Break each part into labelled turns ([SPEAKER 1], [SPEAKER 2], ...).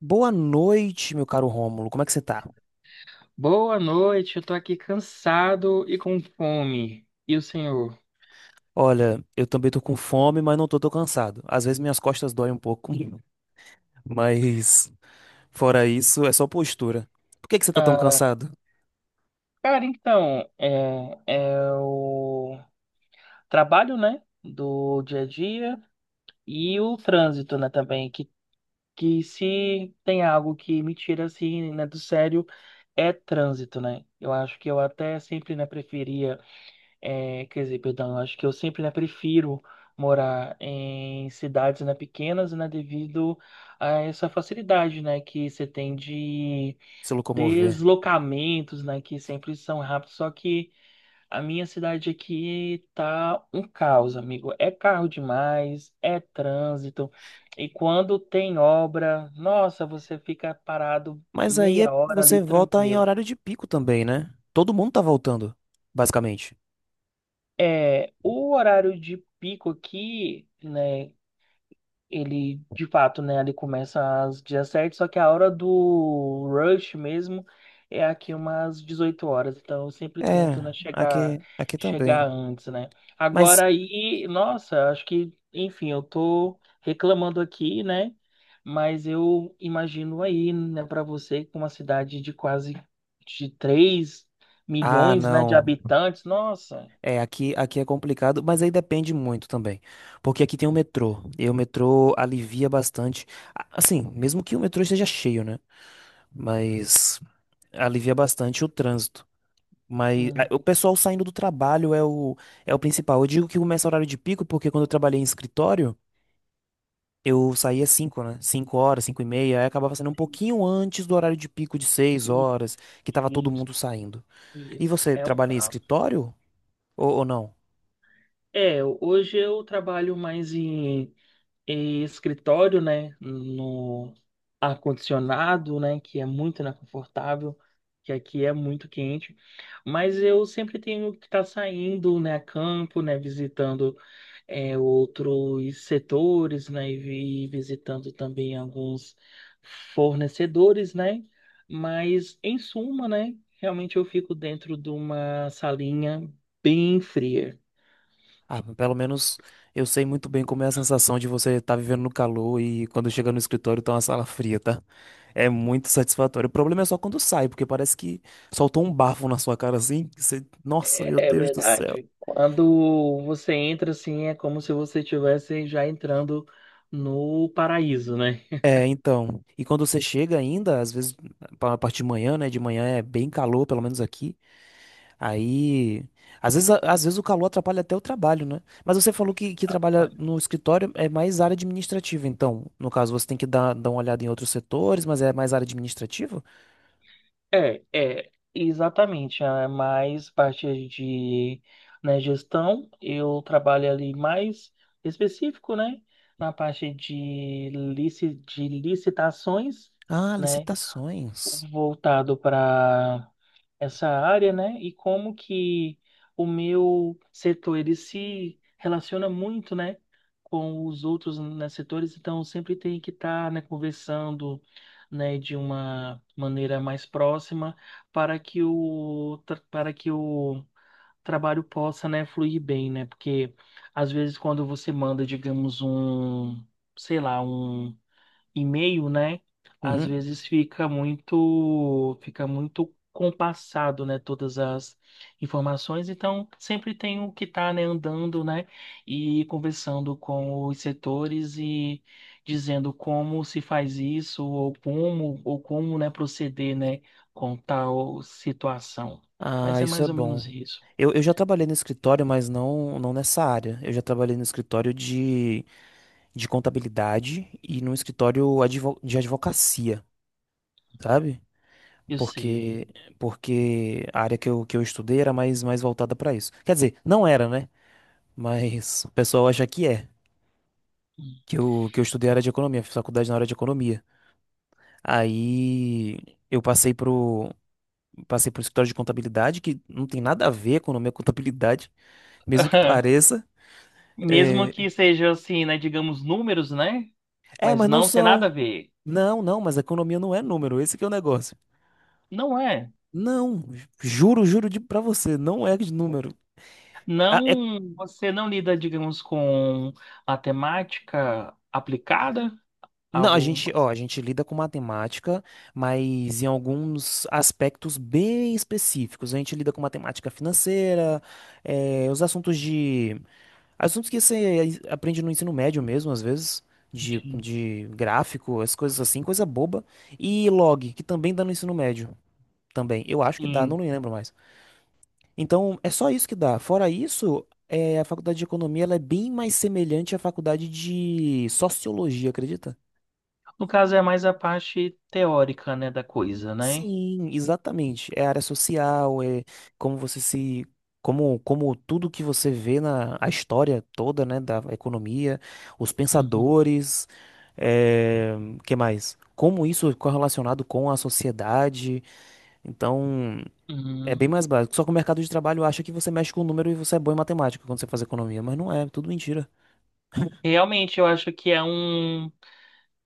[SPEAKER 1] Boa noite, meu caro Rômulo. Como é que você tá?
[SPEAKER 2] Boa noite, eu tô aqui cansado e com fome. E o senhor?
[SPEAKER 1] Olha, eu também tô com fome, mas não tô tão cansado. Às vezes minhas costas doem um pouco, mas fora isso, é só postura. Por que que você tá tão
[SPEAKER 2] Ah,
[SPEAKER 1] cansado?
[SPEAKER 2] cara, então, é o trabalho, né, do dia a dia e o trânsito, né, também, que se tem algo que me tira, assim, né, do sério, é trânsito, né? Eu acho que eu até sempre, né, preferia. É, quer dizer, perdão, eu acho que eu sempre, né, prefiro morar em cidades, né, pequenas, né, devido a essa facilidade, né, que você tem de
[SPEAKER 1] Se locomover.
[SPEAKER 2] deslocamentos, né, que sempre são rápidos, só que a minha cidade aqui tá um caos, amigo. É carro demais, é trânsito, e quando tem obra, nossa, você fica parado
[SPEAKER 1] Mas
[SPEAKER 2] meia hora ali
[SPEAKER 1] você volta em
[SPEAKER 2] tranquilo.
[SPEAKER 1] horário de pico também, né? Todo mundo tá voltando, basicamente.
[SPEAKER 2] É, o horário de pico aqui, né? Ele de fato, né, ele começa às 17h, só que a hora do rush mesmo é aqui umas 18h, então eu sempre tento,
[SPEAKER 1] É,
[SPEAKER 2] né, chegar
[SPEAKER 1] aqui
[SPEAKER 2] chegar
[SPEAKER 1] também.
[SPEAKER 2] antes, né?
[SPEAKER 1] Mas,
[SPEAKER 2] Agora aí, nossa, acho que, enfim, eu tô reclamando aqui, né? Mas eu imagino aí, né, para você com uma cidade de quase de três
[SPEAKER 1] ah,
[SPEAKER 2] milhões, né, de
[SPEAKER 1] não.
[SPEAKER 2] habitantes, nossa.
[SPEAKER 1] É, aqui é complicado, mas aí depende muito também. Porque aqui tem o metrô, e o metrô alivia bastante. Assim, mesmo que o metrô esteja cheio, né? Mas alivia bastante o trânsito. Mas
[SPEAKER 2] hum,
[SPEAKER 1] o pessoal saindo do trabalho é o principal. Eu digo que começa o horário de pico, porque quando eu trabalhei em escritório, eu saía 5, né? 5 horas, 5 e meia, aí acabava saindo um
[SPEAKER 2] e-
[SPEAKER 1] pouquinho antes do horário de pico de seis
[SPEAKER 2] e-
[SPEAKER 1] horas, que tava todo mundo saindo.
[SPEAKER 2] e
[SPEAKER 1] E
[SPEAKER 2] isso
[SPEAKER 1] você
[SPEAKER 2] é um
[SPEAKER 1] trabalha em
[SPEAKER 2] caos.
[SPEAKER 1] escritório ou não?
[SPEAKER 2] É, hoje eu trabalho mais em escritório, né? No ar-condicionado, né? Que é muito confortável, que aqui é muito quente. Mas eu sempre tenho que estar saindo, né? A campo, né? Visitando é, outros setores, né? E visitando também alguns fornecedores, né? Mas, em suma, né? Realmente eu fico dentro de uma salinha bem fria.
[SPEAKER 1] Ah, pelo menos eu sei muito bem como é a sensação de você estar vivendo no calor e quando chega no escritório tá uma sala fria, tá? É muito satisfatório. O problema é só quando sai, porque parece que soltou um bafo na sua cara assim. Nossa,
[SPEAKER 2] É
[SPEAKER 1] meu
[SPEAKER 2] é
[SPEAKER 1] Deus do céu.
[SPEAKER 2] verdade. Quando você entra assim, é como se você estivesse já entrando no paraíso, né?
[SPEAKER 1] É, então. E quando você chega ainda, às vezes, a parte de manhã, né? De manhã é bem calor, pelo menos aqui. Aí, às vezes, às vezes o calor atrapalha até o trabalho, né? Mas você falou que trabalha
[SPEAKER 2] Atrapalha.
[SPEAKER 1] no escritório, é mais área administrativa, então. No caso, você tem que dar uma olhada em outros setores, mas é mais área administrativa?
[SPEAKER 2] É, é, exatamente. É mais parte de, né, gestão. Eu trabalho ali mais específico, né? Na parte de, de licitações,
[SPEAKER 1] Ah,
[SPEAKER 2] né?
[SPEAKER 1] licitações.
[SPEAKER 2] Voltado para essa área, né? E como que o meu setor ele se relaciona muito, né, com os outros né, setores, então eu sempre tem que estar, né, conversando, né, de uma maneira mais próxima para que o trabalho possa, né, fluir bem, né? Porque às vezes quando você manda, digamos, um, sei lá, um e-mail, né? Às
[SPEAKER 1] Uhum.
[SPEAKER 2] vezes fica muito compassado, né? Todas as informações. Então, sempre tem o que tá, né, andando, né? E conversando com os setores e dizendo como se faz isso, ou como, né, proceder, né, com tal situação. Mas
[SPEAKER 1] Ah,
[SPEAKER 2] é
[SPEAKER 1] isso é
[SPEAKER 2] mais ou
[SPEAKER 1] bom.
[SPEAKER 2] menos isso.
[SPEAKER 1] Eu já trabalhei no escritório, mas não nessa área. Eu já trabalhei no escritório de contabilidade e num escritório de advocacia, sabe?
[SPEAKER 2] Eu
[SPEAKER 1] porque
[SPEAKER 2] sei.
[SPEAKER 1] Porque a área que eu estudei era mais voltada para isso. Quer dizer, não era, né? Mas o pessoal acha que é. Que eu estudei a área de economia, fiz faculdade na área de economia. Aí eu passei pro escritório de contabilidade, que não tem nada a ver economia e contabilidade, mesmo que pareça.
[SPEAKER 2] Mesmo
[SPEAKER 1] É,
[SPEAKER 2] que sejam assim, né, digamos números, né? Mas
[SPEAKER 1] mas não
[SPEAKER 2] não tem
[SPEAKER 1] são.
[SPEAKER 2] nada a ver.
[SPEAKER 1] Não, não, mas a economia não é número, esse que é o negócio.
[SPEAKER 2] Não é.
[SPEAKER 1] Não, juro de, pra você, não é de número.
[SPEAKER 2] Não, você não lida, digamos, com a temática aplicada,
[SPEAKER 1] Não,
[SPEAKER 2] algo.
[SPEAKER 1] ó, a gente lida com matemática, mas em alguns aspectos bem específicos. A gente lida com matemática financeira, os assuntos de, assuntos que você aprende no ensino médio mesmo, às vezes,
[SPEAKER 2] Sim.
[SPEAKER 1] de gráfico, as coisas assim, coisa boba. E log, que também dá no ensino médio, também. Eu acho que dá, não
[SPEAKER 2] Sim.
[SPEAKER 1] me lembro mais. Então, é só isso que dá. Fora isso, a faculdade de economia, ela é bem mais semelhante à faculdade de sociologia, acredita?
[SPEAKER 2] No caso é mais a parte teórica, né, da coisa, né?
[SPEAKER 1] Sim, exatamente. É área social, é como você se. Como tudo que você vê na a história toda, né, da economia, os
[SPEAKER 2] Uhum.
[SPEAKER 1] pensadores, é, que mais? Como isso é correlacionado com a sociedade. Então, é bem
[SPEAKER 2] Uhum.
[SPEAKER 1] mais básico. Só que o mercado de trabalho acha que você mexe com o número e você é bom em matemática quando você faz economia, mas não é, tudo mentira.
[SPEAKER 2] Realmente, eu acho que é um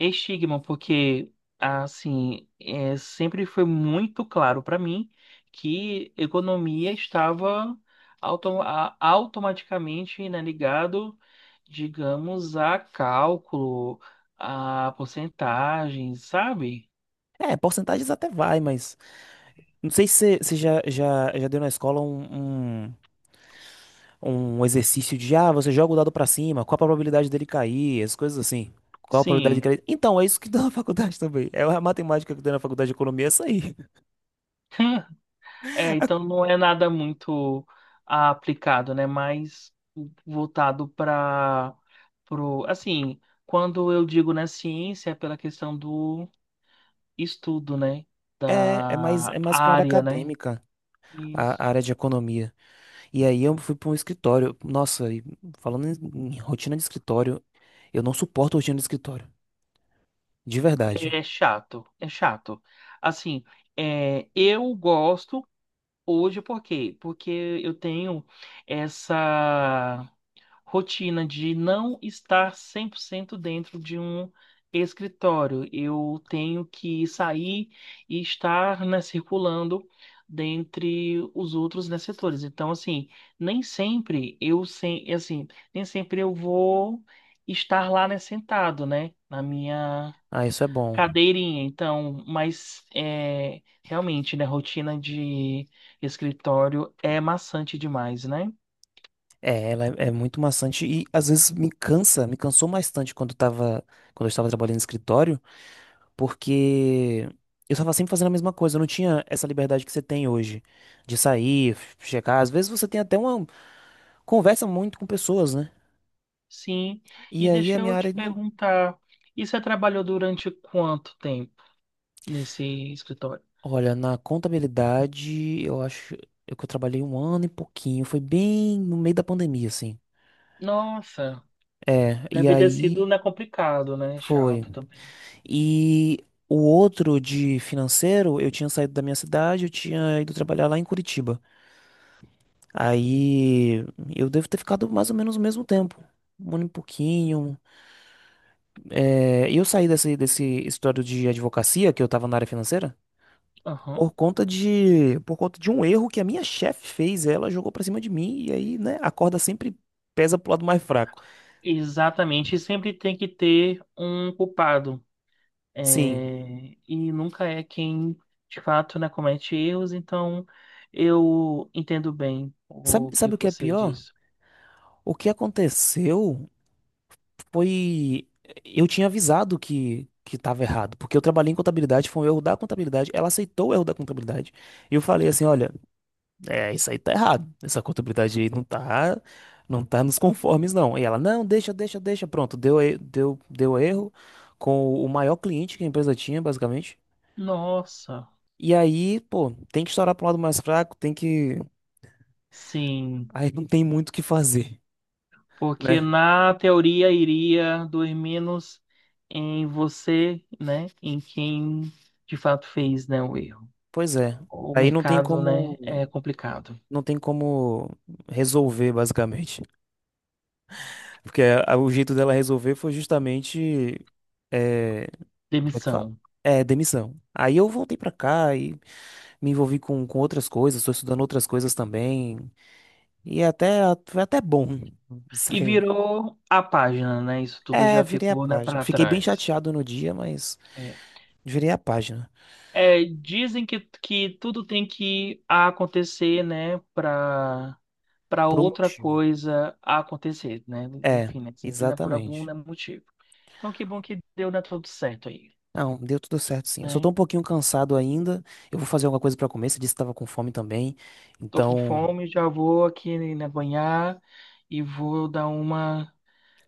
[SPEAKER 2] estigma, porque assim, é, sempre foi muito claro para mim que economia estava automaticamente, né, ligado, digamos, a cálculo, a porcentagens, sabe?
[SPEAKER 1] É, porcentagens até vai, mas não sei se você já deu na escola um um exercício de, ah, você joga o dado pra cima, qual a probabilidade dele cair, essas coisas assim. Qual a probabilidade de
[SPEAKER 2] Sim.
[SPEAKER 1] cair? Então, é isso que dá na faculdade também. É a matemática que dá na faculdade de economia, é essa aí.
[SPEAKER 2] É, então não é nada muito aplicado, né? Mais voltado para pro, assim, quando eu digo na ciência, é pela questão do estudo, né?
[SPEAKER 1] É, é
[SPEAKER 2] Da
[SPEAKER 1] mais pra área
[SPEAKER 2] área, né?
[SPEAKER 1] acadêmica, a
[SPEAKER 2] Isso.
[SPEAKER 1] área de economia. E aí eu fui pra um escritório. Nossa, e falando em rotina de escritório, eu não suporto rotina de escritório. De verdade.
[SPEAKER 2] É chato, é chato. Assim, é, eu gosto hoje por quê? Porque eu tenho essa rotina de não estar 100% dentro de um escritório. Eu tenho que sair e estar, né, circulando dentre os outros, né, setores. Então, assim, nem sempre eu sem, assim, nem sempre eu vou estar lá, né, sentado, né, na minha
[SPEAKER 1] Ah, isso é bom.
[SPEAKER 2] cadeirinha. Então, mas é, realmente, né, rotina de escritório é maçante demais, né?
[SPEAKER 1] É, é muito maçante e às vezes me cansou bastante quando tava, quando eu estava trabalhando no escritório. Porque eu tava sempre fazendo a mesma coisa, eu não tinha essa liberdade que você tem hoje de sair, checar. Às vezes você tem até uma conversa muito com pessoas, né?
[SPEAKER 2] Sim.
[SPEAKER 1] E
[SPEAKER 2] E
[SPEAKER 1] aí a
[SPEAKER 2] deixa
[SPEAKER 1] minha
[SPEAKER 2] eu te
[SPEAKER 1] área não.
[SPEAKER 2] perguntar, e você trabalhou durante quanto tempo nesse escritório?
[SPEAKER 1] Olha, na contabilidade, eu acho eu que eu trabalhei um ano e pouquinho. Foi bem no meio da pandemia, assim.
[SPEAKER 2] Nossa,
[SPEAKER 1] É, e
[SPEAKER 2] deve ter sido,
[SPEAKER 1] aí
[SPEAKER 2] né, complicado, né?
[SPEAKER 1] foi.
[SPEAKER 2] Chato também.
[SPEAKER 1] E o outro de financeiro, eu tinha saído da minha cidade, eu tinha ido trabalhar lá em Curitiba. Aí eu devo ter ficado mais ou menos o mesmo tempo, um ano e pouquinho. É, eu saí desse história de advocacia, que eu tava na área financeira,
[SPEAKER 2] Aham.
[SPEAKER 1] por conta de um erro que a minha chefe fez. Ela jogou pra cima de mim e aí, né, a corda sempre pesa pro lado mais fraco.
[SPEAKER 2] Exatamente. E sempre tem que ter um culpado.
[SPEAKER 1] Sim.
[SPEAKER 2] É, e nunca é quem, de fato, né, comete erros. Então, eu entendo bem o que
[SPEAKER 1] Sabe o que é
[SPEAKER 2] você
[SPEAKER 1] pior?
[SPEAKER 2] diz.
[SPEAKER 1] O que aconteceu foi. Eu tinha avisado que estava errado, porque eu trabalhei em contabilidade, foi um erro da contabilidade. Ela aceitou o erro da contabilidade. E eu falei assim: olha. É, isso aí tá errado. Essa contabilidade aí não tá nos conformes, não. E ela, não, deixa. Pronto, deu erro com o maior cliente que a empresa tinha, basicamente.
[SPEAKER 2] Nossa,
[SPEAKER 1] E aí, pô, tem que estourar pro lado mais fraco, tem que.
[SPEAKER 2] sim.
[SPEAKER 1] Aí não tem muito o que fazer,
[SPEAKER 2] Porque
[SPEAKER 1] né?
[SPEAKER 2] na teoria iria doer menos em você, né? Em quem de fato fez, né, o erro.
[SPEAKER 1] Pois é.
[SPEAKER 2] O
[SPEAKER 1] Aí
[SPEAKER 2] mercado, né, é complicado.
[SPEAKER 1] não tem como resolver, basicamente. Porque o jeito dela resolver foi justamente. É, como é que fala?
[SPEAKER 2] Demissão.
[SPEAKER 1] É, demissão. Aí eu voltei pra cá e me envolvi com outras coisas, estou estudando outras coisas também. E é até foi até bom.
[SPEAKER 2] E
[SPEAKER 1] Sim.
[SPEAKER 2] virou a página, né? Isso tudo
[SPEAKER 1] É,
[SPEAKER 2] já
[SPEAKER 1] virei a
[SPEAKER 2] ficou, né,
[SPEAKER 1] página.
[SPEAKER 2] para
[SPEAKER 1] Fiquei bem
[SPEAKER 2] trás.
[SPEAKER 1] chateado no dia, mas
[SPEAKER 2] É.
[SPEAKER 1] virei a página.
[SPEAKER 2] É, dizem que tudo tem que acontecer, né, para
[SPEAKER 1] Por um
[SPEAKER 2] outra
[SPEAKER 1] motivo.
[SPEAKER 2] coisa acontecer, né?
[SPEAKER 1] É,
[SPEAKER 2] Enfim, né? Sempre né, por algum
[SPEAKER 1] exatamente.
[SPEAKER 2] né, motivo. Então, que bom que deu, né, tudo certo aí,
[SPEAKER 1] Não, deu tudo certo sim. Eu só tô
[SPEAKER 2] né?
[SPEAKER 1] um pouquinho cansado ainda. Eu vou fazer alguma coisa pra comer. Você disse que tava com fome também.
[SPEAKER 2] Tô com
[SPEAKER 1] Então,
[SPEAKER 2] fome, já vou aqui na banhar e vou dar uma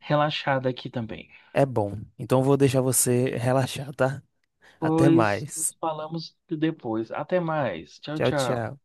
[SPEAKER 2] relaxada aqui também.
[SPEAKER 1] é bom. Então eu vou deixar você relaxar, tá? Até
[SPEAKER 2] Pois
[SPEAKER 1] mais.
[SPEAKER 2] nos falamos depois. Até mais. Tchau,
[SPEAKER 1] Tchau,
[SPEAKER 2] tchau.
[SPEAKER 1] tchau.